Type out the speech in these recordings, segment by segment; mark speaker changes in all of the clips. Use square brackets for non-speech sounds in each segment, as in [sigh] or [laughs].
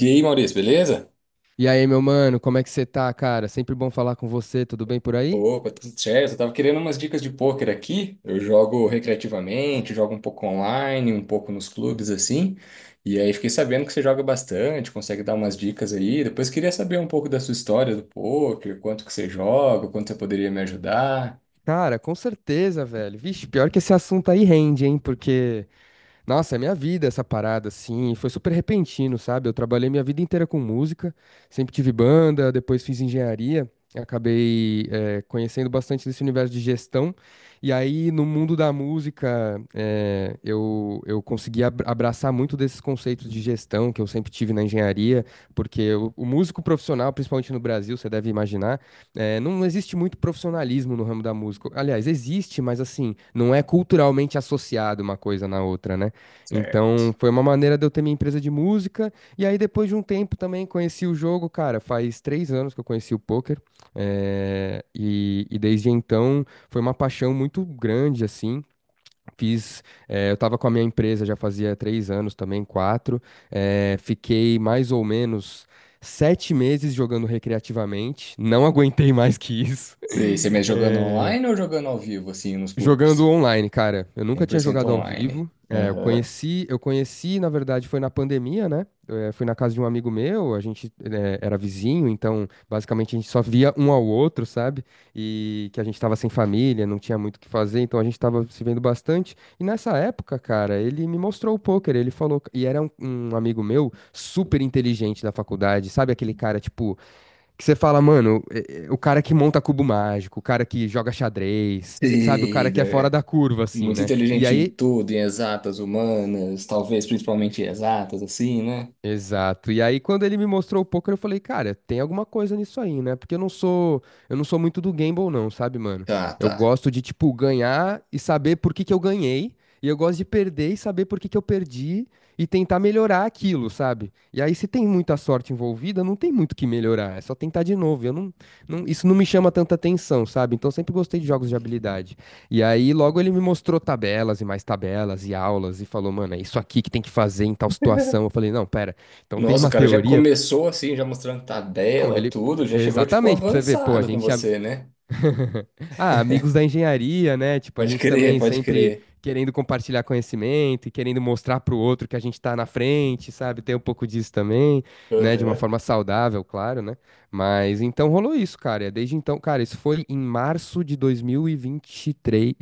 Speaker 1: E aí, Maurício, beleza?
Speaker 2: E aí, meu mano, como é que você tá, cara? Sempre bom falar com você, tudo bem por aí?
Speaker 1: Opa, tudo certo. Eu tava querendo umas dicas de pôquer aqui. Eu jogo recreativamente, jogo um pouco online, um pouco nos clubes assim. E aí fiquei sabendo que você joga bastante, consegue dar umas dicas aí. Depois queria saber um pouco da sua história do pôquer, quanto que você joga, quanto você poderia me ajudar.
Speaker 2: Cara, com certeza, velho. Vixe, pior que esse assunto aí rende, hein? Porque Nossa, é minha vida essa parada, assim, foi super repentino, sabe? Eu trabalhei minha vida inteira com música, sempre tive banda, depois fiz engenharia, acabei conhecendo bastante desse universo de gestão, e aí no mundo da música, eu consegui abraçar muito desses conceitos de gestão que eu sempre tive na engenharia, porque o músico profissional, principalmente no Brasil, você deve imaginar, não existe muito profissionalismo no ramo da música. Aliás, existe, mas assim, não é culturalmente associado uma coisa na outra, né?
Speaker 1: Certo.
Speaker 2: Então, foi uma maneira de eu ter minha empresa de música. E aí, depois de um tempo também, conheci o jogo, cara. Faz 3 anos que eu conheci o poker. E desde então, foi uma paixão muito grande, assim. Fiz, eu tava com a minha empresa já fazia 3 anos também, quatro. Fiquei mais ou menos 7 meses jogando recreativamente. Não [laughs] aguentei mais que isso. [laughs]
Speaker 1: Você me jogando
Speaker 2: Eh,
Speaker 1: online ou jogando ao vivo assim nos
Speaker 2: Jogando
Speaker 1: clubes?
Speaker 2: online, cara. Eu nunca tinha
Speaker 1: 100%
Speaker 2: jogado ao
Speaker 1: online.
Speaker 2: vivo. É, eu
Speaker 1: Aham.
Speaker 2: conheci, eu conheci, na verdade, foi na pandemia, né? Fui na casa de um amigo meu, a gente era vizinho, então basicamente a gente só via um ao outro, sabe? E que a gente tava sem família, não tinha muito o que fazer, então a gente tava se vendo bastante. E nessa época, cara, ele me mostrou o poker, ele falou, e era um amigo meu super inteligente da faculdade, sabe? Aquele cara, tipo, que você fala, mano, o cara que monta cubo mágico, o cara que joga
Speaker 1: [laughs]
Speaker 2: xadrez, sabe? O
Speaker 1: Sim,
Speaker 2: cara que é fora
Speaker 1: né?
Speaker 2: da curva, assim,
Speaker 1: Muito
Speaker 2: né? E
Speaker 1: inteligente em
Speaker 2: aí
Speaker 1: tudo, em exatas, humanas, talvez principalmente em exatas, assim, né?
Speaker 2: Exato. E aí, quando ele me mostrou o poker, eu falei, cara, tem alguma coisa nisso aí, né? Porque eu não sou muito do gamble, não, sabe, mano?
Speaker 1: Tá,
Speaker 2: Eu
Speaker 1: tá.
Speaker 2: gosto de, tipo, ganhar e saber por que que eu ganhei. E eu gosto de perder e saber por que que eu perdi e tentar melhorar aquilo, sabe? E aí, se tem muita sorte envolvida, não tem muito o que melhorar, é só tentar de novo. Eu não, não- Isso não me chama tanta atenção, sabe? Então, eu sempre gostei de jogos de habilidade. E aí, logo ele me mostrou tabelas e mais tabelas e aulas e falou, mano, é isso aqui que tem que fazer em tal situação. Eu falei, não, pera, então tem
Speaker 1: Nossa, o
Speaker 2: uma
Speaker 1: cara já
Speaker 2: teoria.
Speaker 1: começou assim, já mostrando
Speaker 2: Não,
Speaker 1: tabela,
Speaker 2: ele.
Speaker 1: tudo, já chegou, tipo,
Speaker 2: Exatamente, pra você ver, pô, a
Speaker 1: avançado com
Speaker 2: gente.
Speaker 1: você, né?
Speaker 2: [laughs] Ah, amigos da engenharia, né? Tipo, a
Speaker 1: Pode
Speaker 2: gente
Speaker 1: crer,
Speaker 2: também
Speaker 1: pode
Speaker 2: sempre
Speaker 1: crer.
Speaker 2: querendo compartilhar conhecimento e querendo mostrar pro outro que a gente tá na frente, sabe? Tem um pouco disso também, né? De uma
Speaker 1: Aham.
Speaker 2: forma saudável, claro, né? Mas então rolou isso, cara. Desde então, cara, isso foi em março de 2023.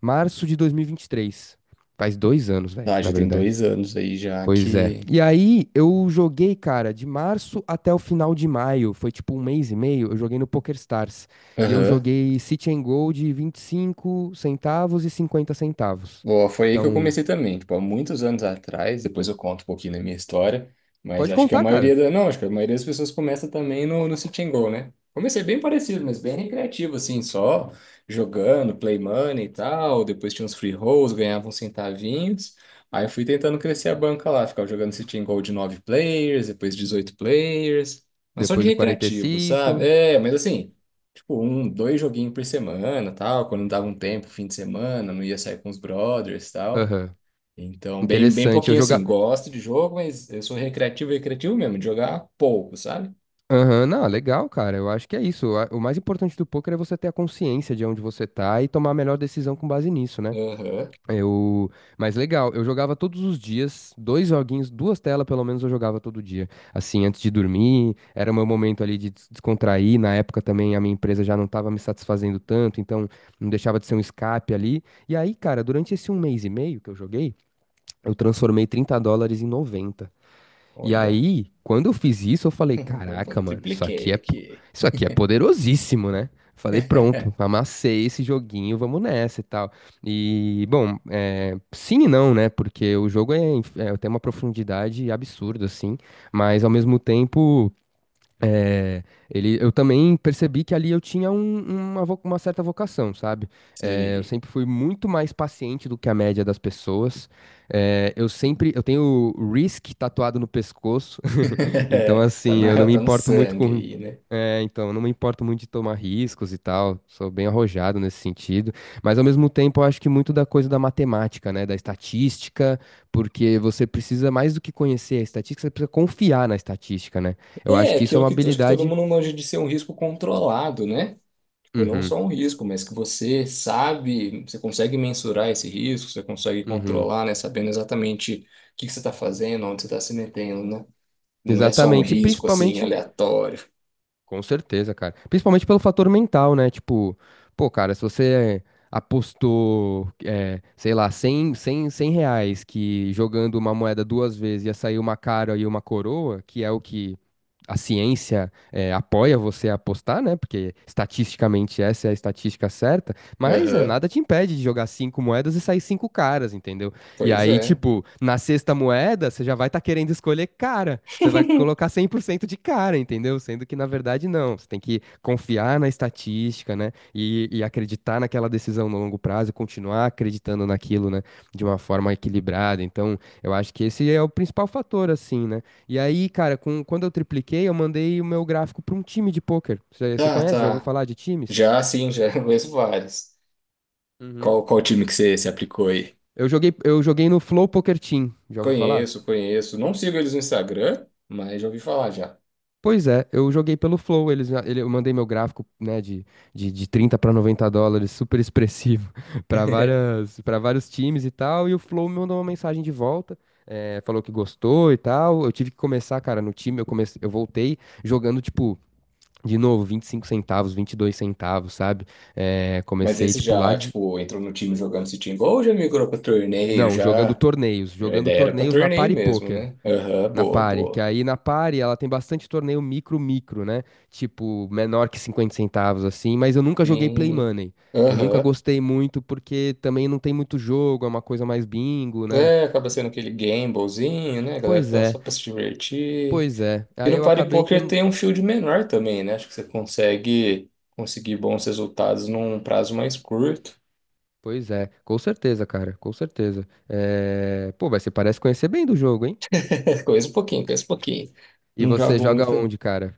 Speaker 2: Março de 2023. Faz 2 anos, velho,
Speaker 1: Ah,
Speaker 2: na
Speaker 1: já tem
Speaker 2: verdade.
Speaker 1: dois anos aí já
Speaker 2: Pois é.
Speaker 1: que.
Speaker 2: E aí, eu joguei, cara, de março até o final de maio. Foi tipo 1 mês e meio. Eu joguei no PokerStars. E eu
Speaker 1: Aham.
Speaker 2: joguei City and Gold de 25 centavos e 50 centavos.
Speaker 1: Boa, foi aí que eu
Speaker 2: Então,
Speaker 1: comecei também, tipo, há muitos anos atrás, depois eu conto um pouquinho da minha história, mas
Speaker 2: pode
Speaker 1: acho que a
Speaker 2: contar,
Speaker 1: maioria
Speaker 2: cara.
Speaker 1: da, não, acho que a maioria das pessoas começa também no Sit and Go, né? Comecei bem parecido, mas bem recreativo, assim, só jogando, play money e tal, depois tinha uns free rolls, ganhava uns centavinhos, aí eu fui tentando crescer a banca lá, ficava jogando Sit and Go de 9 players, depois 18 players, mas só de
Speaker 2: Depois do quarenta e
Speaker 1: recreativo, sabe?
Speaker 2: cinco.
Speaker 1: É, mas assim tipo, um, dois joguinhos por semana, tal, quando dava um tempo, fim de semana, não ia sair com os brothers, tal.
Speaker 2: Aham.
Speaker 1: Então, bem, bem
Speaker 2: Interessante. Eu
Speaker 1: pouquinho assim,
Speaker 2: jogar.
Speaker 1: gosto de jogo, mas eu sou recreativo, recreativo mesmo, de jogar pouco, sabe?
Speaker 2: Aham, não, legal, cara. Eu acho que é isso. O mais importante do poker é você ter a consciência de onde você tá e tomar a melhor decisão com base nisso, né?
Speaker 1: Aham,
Speaker 2: Eu, mas legal, eu jogava todos os dias, dois joguinhos, duas telas pelo menos eu jogava todo dia. Assim, antes de dormir, era o meu momento ali de descontrair. Na época também a minha empresa já não estava me satisfazendo tanto, então não deixava de ser um escape ali. E aí, cara, durante esse 1 mês e meio que eu joguei, eu transformei 30 dólares em 90. E
Speaker 1: Olha,
Speaker 2: aí, quando eu fiz isso, eu falei,
Speaker 1: [laughs] Opa,
Speaker 2: caraca, mano,
Speaker 1: tripliquei aqui.
Speaker 2: isso aqui é poderosíssimo, né? Falei, pronto,
Speaker 1: [laughs]
Speaker 2: amassei esse joguinho, vamos nessa e tal. E, bom, é, sim e não, né? Porque o jogo tem uma profundidade absurda, assim, mas ao mesmo tempo, é, eu também percebi que ali eu tinha uma certa vocação, sabe? É, eu
Speaker 1: Sim.
Speaker 2: sempre fui muito mais paciente do que a média das pessoas. É, eu sempre, eu tenho o Risk tatuado no pescoço, então,
Speaker 1: [laughs] Tá
Speaker 2: assim, eu não
Speaker 1: na,
Speaker 2: me
Speaker 1: tá no
Speaker 2: importo muito
Speaker 1: sangue
Speaker 2: com.
Speaker 1: aí, né?
Speaker 2: Então, eu não me importo muito de tomar riscos e tal. Sou bem arrojado nesse sentido. Mas, ao mesmo tempo, eu acho que muito da coisa da matemática, né? Da estatística, porque você precisa, mais do que conhecer a estatística, você precisa confiar na estatística, né? Eu acho
Speaker 1: É,
Speaker 2: que isso é
Speaker 1: aquilo
Speaker 2: uma
Speaker 1: que acho que todo
Speaker 2: habilidade.
Speaker 1: mundo manja de ser um risco controlado, né? Tipo, não
Speaker 2: Uhum,
Speaker 1: só um risco, mas que você sabe, você consegue mensurar esse risco, você consegue
Speaker 2: uhum.
Speaker 1: controlar, né? Sabendo exatamente o que que você está fazendo, onde você está se metendo, né? Não é só um
Speaker 2: Exatamente. E
Speaker 1: risco assim
Speaker 2: Principalmente
Speaker 1: aleatório.
Speaker 2: Com certeza, cara. Principalmente pelo fator mental, né? Tipo, pô, cara, se você apostou, sei lá, cem reais que jogando uma moeda duas vezes ia sair uma cara e uma coroa, que é o que a ciência apoia você a apostar, né? Porque estatisticamente essa é a estatística certa, mas
Speaker 1: Aham,
Speaker 2: nada te impede de jogar cinco moedas e sair cinco caras, entendeu? E
Speaker 1: Pois
Speaker 2: aí,
Speaker 1: é.
Speaker 2: tipo, na sexta moeda, você já vai estar querendo escolher cara. Você vai colocar
Speaker 1: [laughs]
Speaker 2: 100% de cara, entendeu? Sendo que, na verdade, não. Você tem que confiar na estatística, né? E acreditar naquela decisão no longo prazo, continuar acreditando naquilo, né? De uma forma equilibrada. Então, eu acho que esse é o principal fator, assim, né? E aí, cara, quando eu tripliquei, eu mandei o meu gráfico para um time de pôquer. Você
Speaker 1: Tá,
Speaker 2: conhece? Já ouviu
Speaker 1: tá.
Speaker 2: falar de times?
Speaker 1: Já sim, já [laughs] conheço vários.
Speaker 2: Uhum.
Speaker 1: Qual time que você se aplicou aí?
Speaker 2: Eu joguei no Flow Poker Team. Já ouviu falar?
Speaker 1: Conheço, conheço. Não sigo eles no Instagram, mas já ouvi falar já.
Speaker 2: Pois é, eu joguei pelo Flow, eu mandei meu gráfico, né, de 30 para 90 dólares, super expressivo, [laughs] para
Speaker 1: [laughs]
Speaker 2: várias, para vários times e tal, e o Flow me mandou uma mensagem de volta, falou que gostou e tal, eu tive que começar, cara, no time, eu comecei, eu voltei jogando, tipo, de novo, 25 centavos, 22 centavos, sabe?
Speaker 1: Mas
Speaker 2: Comecei,
Speaker 1: esse
Speaker 2: tipo, lá
Speaker 1: já,
Speaker 2: de...
Speaker 1: tipo, entrou no time jogando esse time, ou já migrou para torneio,
Speaker 2: Não,
Speaker 1: já. A
Speaker 2: jogando
Speaker 1: ideia era pra
Speaker 2: torneios na
Speaker 1: torneio
Speaker 2: Party
Speaker 1: mesmo,
Speaker 2: Poker.
Speaker 1: né? Aham,
Speaker 2: Na
Speaker 1: boa,
Speaker 2: Pari, que
Speaker 1: boa.
Speaker 2: aí na Pari ela tem bastante torneio micro-micro, né? Tipo, menor que 50 centavos, assim, mas eu nunca joguei Play
Speaker 1: Sim.
Speaker 2: Money. Eu nunca
Speaker 1: Aham.
Speaker 2: gostei muito porque também não tem muito jogo, é uma coisa mais bingo, né?
Speaker 1: É, acaba sendo aquele gamblezinho, né? A galera
Speaker 2: Pois
Speaker 1: tá
Speaker 2: é,
Speaker 1: só pra se divertir.
Speaker 2: pois é.
Speaker 1: E
Speaker 2: Aí
Speaker 1: no
Speaker 2: eu
Speaker 1: Party
Speaker 2: acabei que. Eu
Speaker 1: Poker
Speaker 2: não-
Speaker 1: tem um field menor também, né? Acho que você consegue conseguir bons resultados num prazo mais curto.
Speaker 2: Pois é, com certeza, cara, com certeza. Pô, mas você parece conhecer bem do jogo, hein?
Speaker 1: [laughs] Conheço um pouquinho, conheço um pouquinho.
Speaker 2: E
Speaker 1: Não
Speaker 2: você
Speaker 1: jogo
Speaker 2: joga
Speaker 1: muito.
Speaker 2: onde, cara?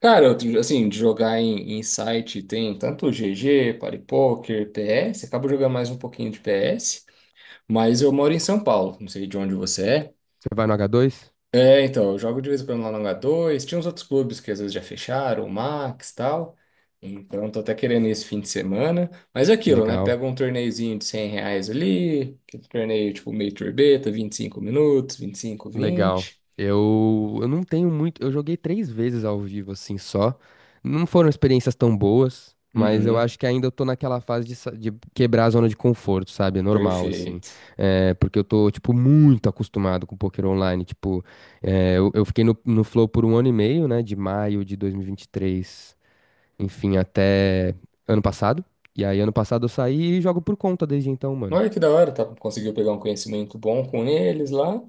Speaker 1: Cara, eu, assim, de jogar em, em site tem tanto GG, Party Poker, PS. Acabo jogando mais um pouquinho de PS. Mas eu moro em São Paulo. Não sei de onde você é.
Speaker 2: Você vai no H2?
Speaker 1: É, então, eu jogo de vez em quando lá no H2. Tinha uns outros clubes que às vezes já fecharam, o Max e tal. Então, tô até querendo ir esse fim de semana. Mas é aquilo, né?
Speaker 2: Legal.
Speaker 1: Pega um torneiozinho de 100 reais ali, aquele torneio tipo meio turbeta, 25 minutos, 25,
Speaker 2: Legal.
Speaker 1: 20.
Speaker 2: Eu não tenho muito. Eu joguei três vezes ao vivo, assim, só. Não foram experiências tão boas, mas eu
Speaker 1: Uhum,
Speaker 2: acho que ainda eu tô naquela fase de, de quebrar a zona de conforto, sabe? É normal, assim.
Speaker 1: perfeito.
Speaker 2: É, porque eu tô, tipo, muito acostumado com poker online. Tipo, eu fiquei no Flow por 1 ano e meio, né? De maio de dois mil e vinte e três. Enfim, até ano passado. E aí, ano passado eu saí e jogo por conta desde então, mano.
Speaker 1: Olha que da hora, tá? Conseguiu pegar um conhecimento bom com eles lá.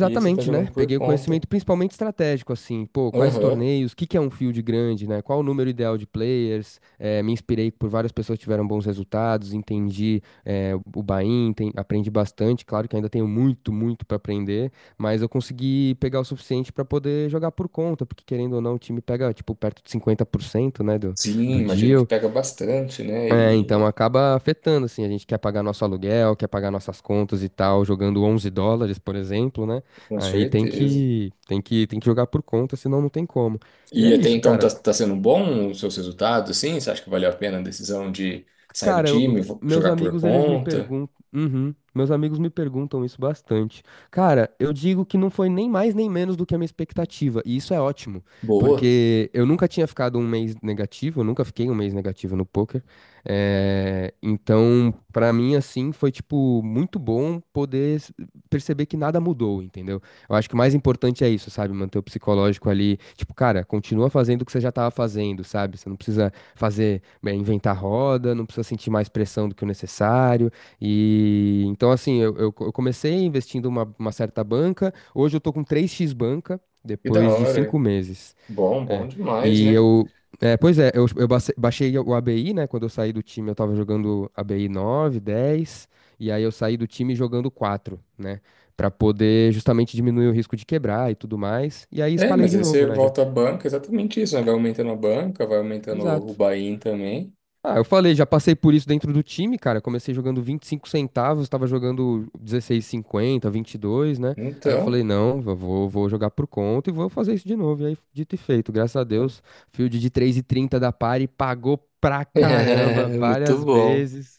Speaker 1: E aí você tá jogando
Speaker 2: né?
Speaker 1: por
Speaker 2: Peguei o
Speaker 1: conta.
Speaker 2: conhecimento principalmente estratégico, assim, pô, quais
Speaker 1: Aham.
Speaker 2: torneios, o que que é um field grande, né? Qual o número ideal de players? Me inspirei por várias pessoas que tiveram bons resultados, entendi, o buy-in, aprendi bastante. Claro que ainda tenho muito, muito para aprender, mas eu consegui pegar o suficiente para poder jogar por conta, porque querendo ou não, o time pega, tipo, perto de 50%, né, do,
Speaker 1: Sim,
Speaker 2: do
Speaker 1: imagino que
Speaker 2: deal.
Speaker 1: pega bastante, né?
Speaker 2: É, então
Speaker 1: E
Speaker 2: acaba afetando, assim, a gente quer pagar nosso aluguel, quer pagar nossas contas e tal, jogando 11 dólares, por exemplo, né?
Speaker 1: com
Speaker 2: Aí tem
Speaker 1: certeza.
Speaker 2: que, tem que, tem que jogar por conta, senão não tem como. E
Speaker 1: E
Speaker 2: é
Speaker 1: até
Speaker 2: isso,
Speaker 1: então tá,
Speaker 2: cara.
Speaker 1: tá sendo bom os seus resultados, assim? Você acha que valeu a pena a decisão de sair do
Speaker 2: Cara,
Speaker 1: time,
Speaker 2: meus
Speaker 1: jogar por
Speaker 2: amigos, eles me
Speaker 1: conta?
Speaker 2: perguntam. Uhum, meus amigos me perguntam isso bastante. Cara, eu digo que não foi nem mais nem menos do que a minha expectativa. E isso é ótimo,
Speaker 1: Boa,
Speaker 2: porque eu nunca tinha ficado um mês negativo, eu nunca fiquei um mês negativo no poker. Então, pra mim, assim, foi, tipo, muito bom poder perceber que nada mudou, entendeu? Eu acho que o mais importante é isso, sabe? Manter o psicológico ali. Tipo, cara, continua fazendo o que você já tava fazendo, sabe? Você não precisa fazer, bem, inventar roda, não precisa sentir mais pressão do que o necessário. E então, assim, eu comecei investindo uma certa banca, hoje eu tô com 3x banca,
Speaker 1: que da
Speaker 2: depois de
Speaker 1: hora.
Speaker 2: 5 meses.
Speaker 1: Bom, bom
Speaker 2: É.
Speaker 1: demais,
Speaker 2: E
Speaker 1: né?
Speaker 2: eu. É, pois é, baixei o ABI, né? Quando eu saí do time, eu tava jogando ABI 9, 10 e aí eu saí do time jogando 4, né? Pra poder justamente diminuir o risco de quebrar e tudo mais. E aí
Speaker 1: É,
Speaker 2: escalei
Speaker 1: mas
Speaker 2: de
Speaker 1: aí você
Speaker 2: novo, né? Já.
Speaker 1: volta à banca, exatamente isso, né? Vai aumentando a banca, vai aumentando o
Speaker 2: Exato.
Speaker 1: buy-in também.
Speaker 2: Ah, eu falei, já passei por isso dentro do time, cara. Comecei jogando 25 centavos, tava jogando 16,50, 22, né? Aí eu
Speaker 1: Então,
Speaker 2: falei, não, vou jogar por conta e vou fazer isso de novo. E aí, dito e feito, graças a Deus, field de 3,30 da Pari pagou pra
Speaker 1: [laughs] É,
Speaker 2: caramba
Speaker 1: muito
Speaker 2: várias
Speaker 1: bom.
Speaker 2: vezes.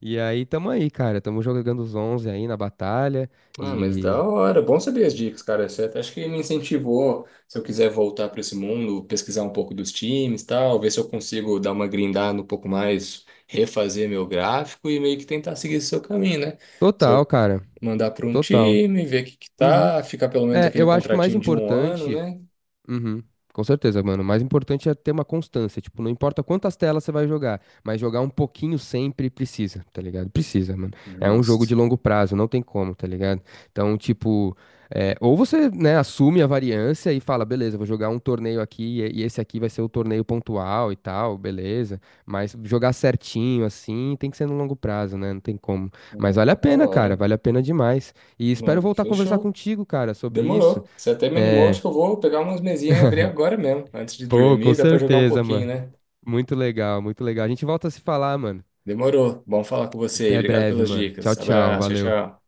Speaker 2: E aí, tamo aí, cara. Tamo jogando os 11 aí na batalha.
Speaker 1: Ah, mas da
Speaker 2: E.
Speaker 1: hora. Bom saber as dicas, cara. Você até acho que me incentivou, se eu quiser voltar para esse mundo, pesquisar um pouco dos times, tal, ver se eu consigo dar uma grindada um pouco mais, refazer meu gráfico e meio que tentar seguir esse seu caminho, né? Se
Speaker 2: Total,
Speaker 1: eu
Speaker 2: cara.
Speaker 1: mandar para um
Speaker 2: Total.
Speaker 1: time, ver o que que
Speaker 2: Uhum.
Speaker 1: tá, ficar pelo menos
Speaker 2: É,
Speaker 1: aquele
Speaker 2: eu acho que o mais
Speaker 1: contratinho de um ano,
Speaker 2: importante.
Speaker 1: né?
Speaker 2: Uhum. Com certeza, mano. O mais importante é ter uma constância. Tipo, não importa quantas telas você vai jogar, mas jogar um pouquinho sempre precisa, tá ligado? Precisa, mano. É um jogo de
Speaker 1: Justo.
Speaker 2: longo prazo, não tem como, tá ligado? Então, tipo, é, ou você, né, assume a variância e fala, beleza, vou jogar um torneio aqui e esse aqui vai ser o torneio pontual e tal, beleza. Mas jogar certinho assim tem que ser no longo prazo, né? Não tem como. Mas vale a
Speaker 1: Da
Speaker 2: pena, cara,
Speaker 1: hora.
Speaker 2: vale a pena demais. E espero
Speaker 1: Não,
Speaker 2: voltar a conversar
Speaker 1: fechou.
Speaker 2: contigo, cara, sobre isso.
Speaker 1: Demorou. Você até me animou,
Speaker 2: É,
Speaker 1: acho que eu vou pegar umas mesinhas e abrir agora mesmo, antes de
Speaker 2: pô, com
Speaker 1: dormir, dá para jogar um
Speaker 2: certeza,
Speaker 1: pouquinho,
Speaker 2: mano.
Speaker 1: né?
Speaker 2: Muito legal, muito legal. A gente volta a se falar, mano.
Speaker 1: Demorou. Bom falar com você aí.
Speaker 2: Até
Speaker 1: Obrigado
Speaker 2: breve,
Speaker 1: pelas
Speaker 2: mano. Tchau,
Speaker 1: dicas.
Speaker 2: tchau.
Speaker 1: Abraço. Tchau,
Speaker 2: Valeu.
Speaker 1: tchau.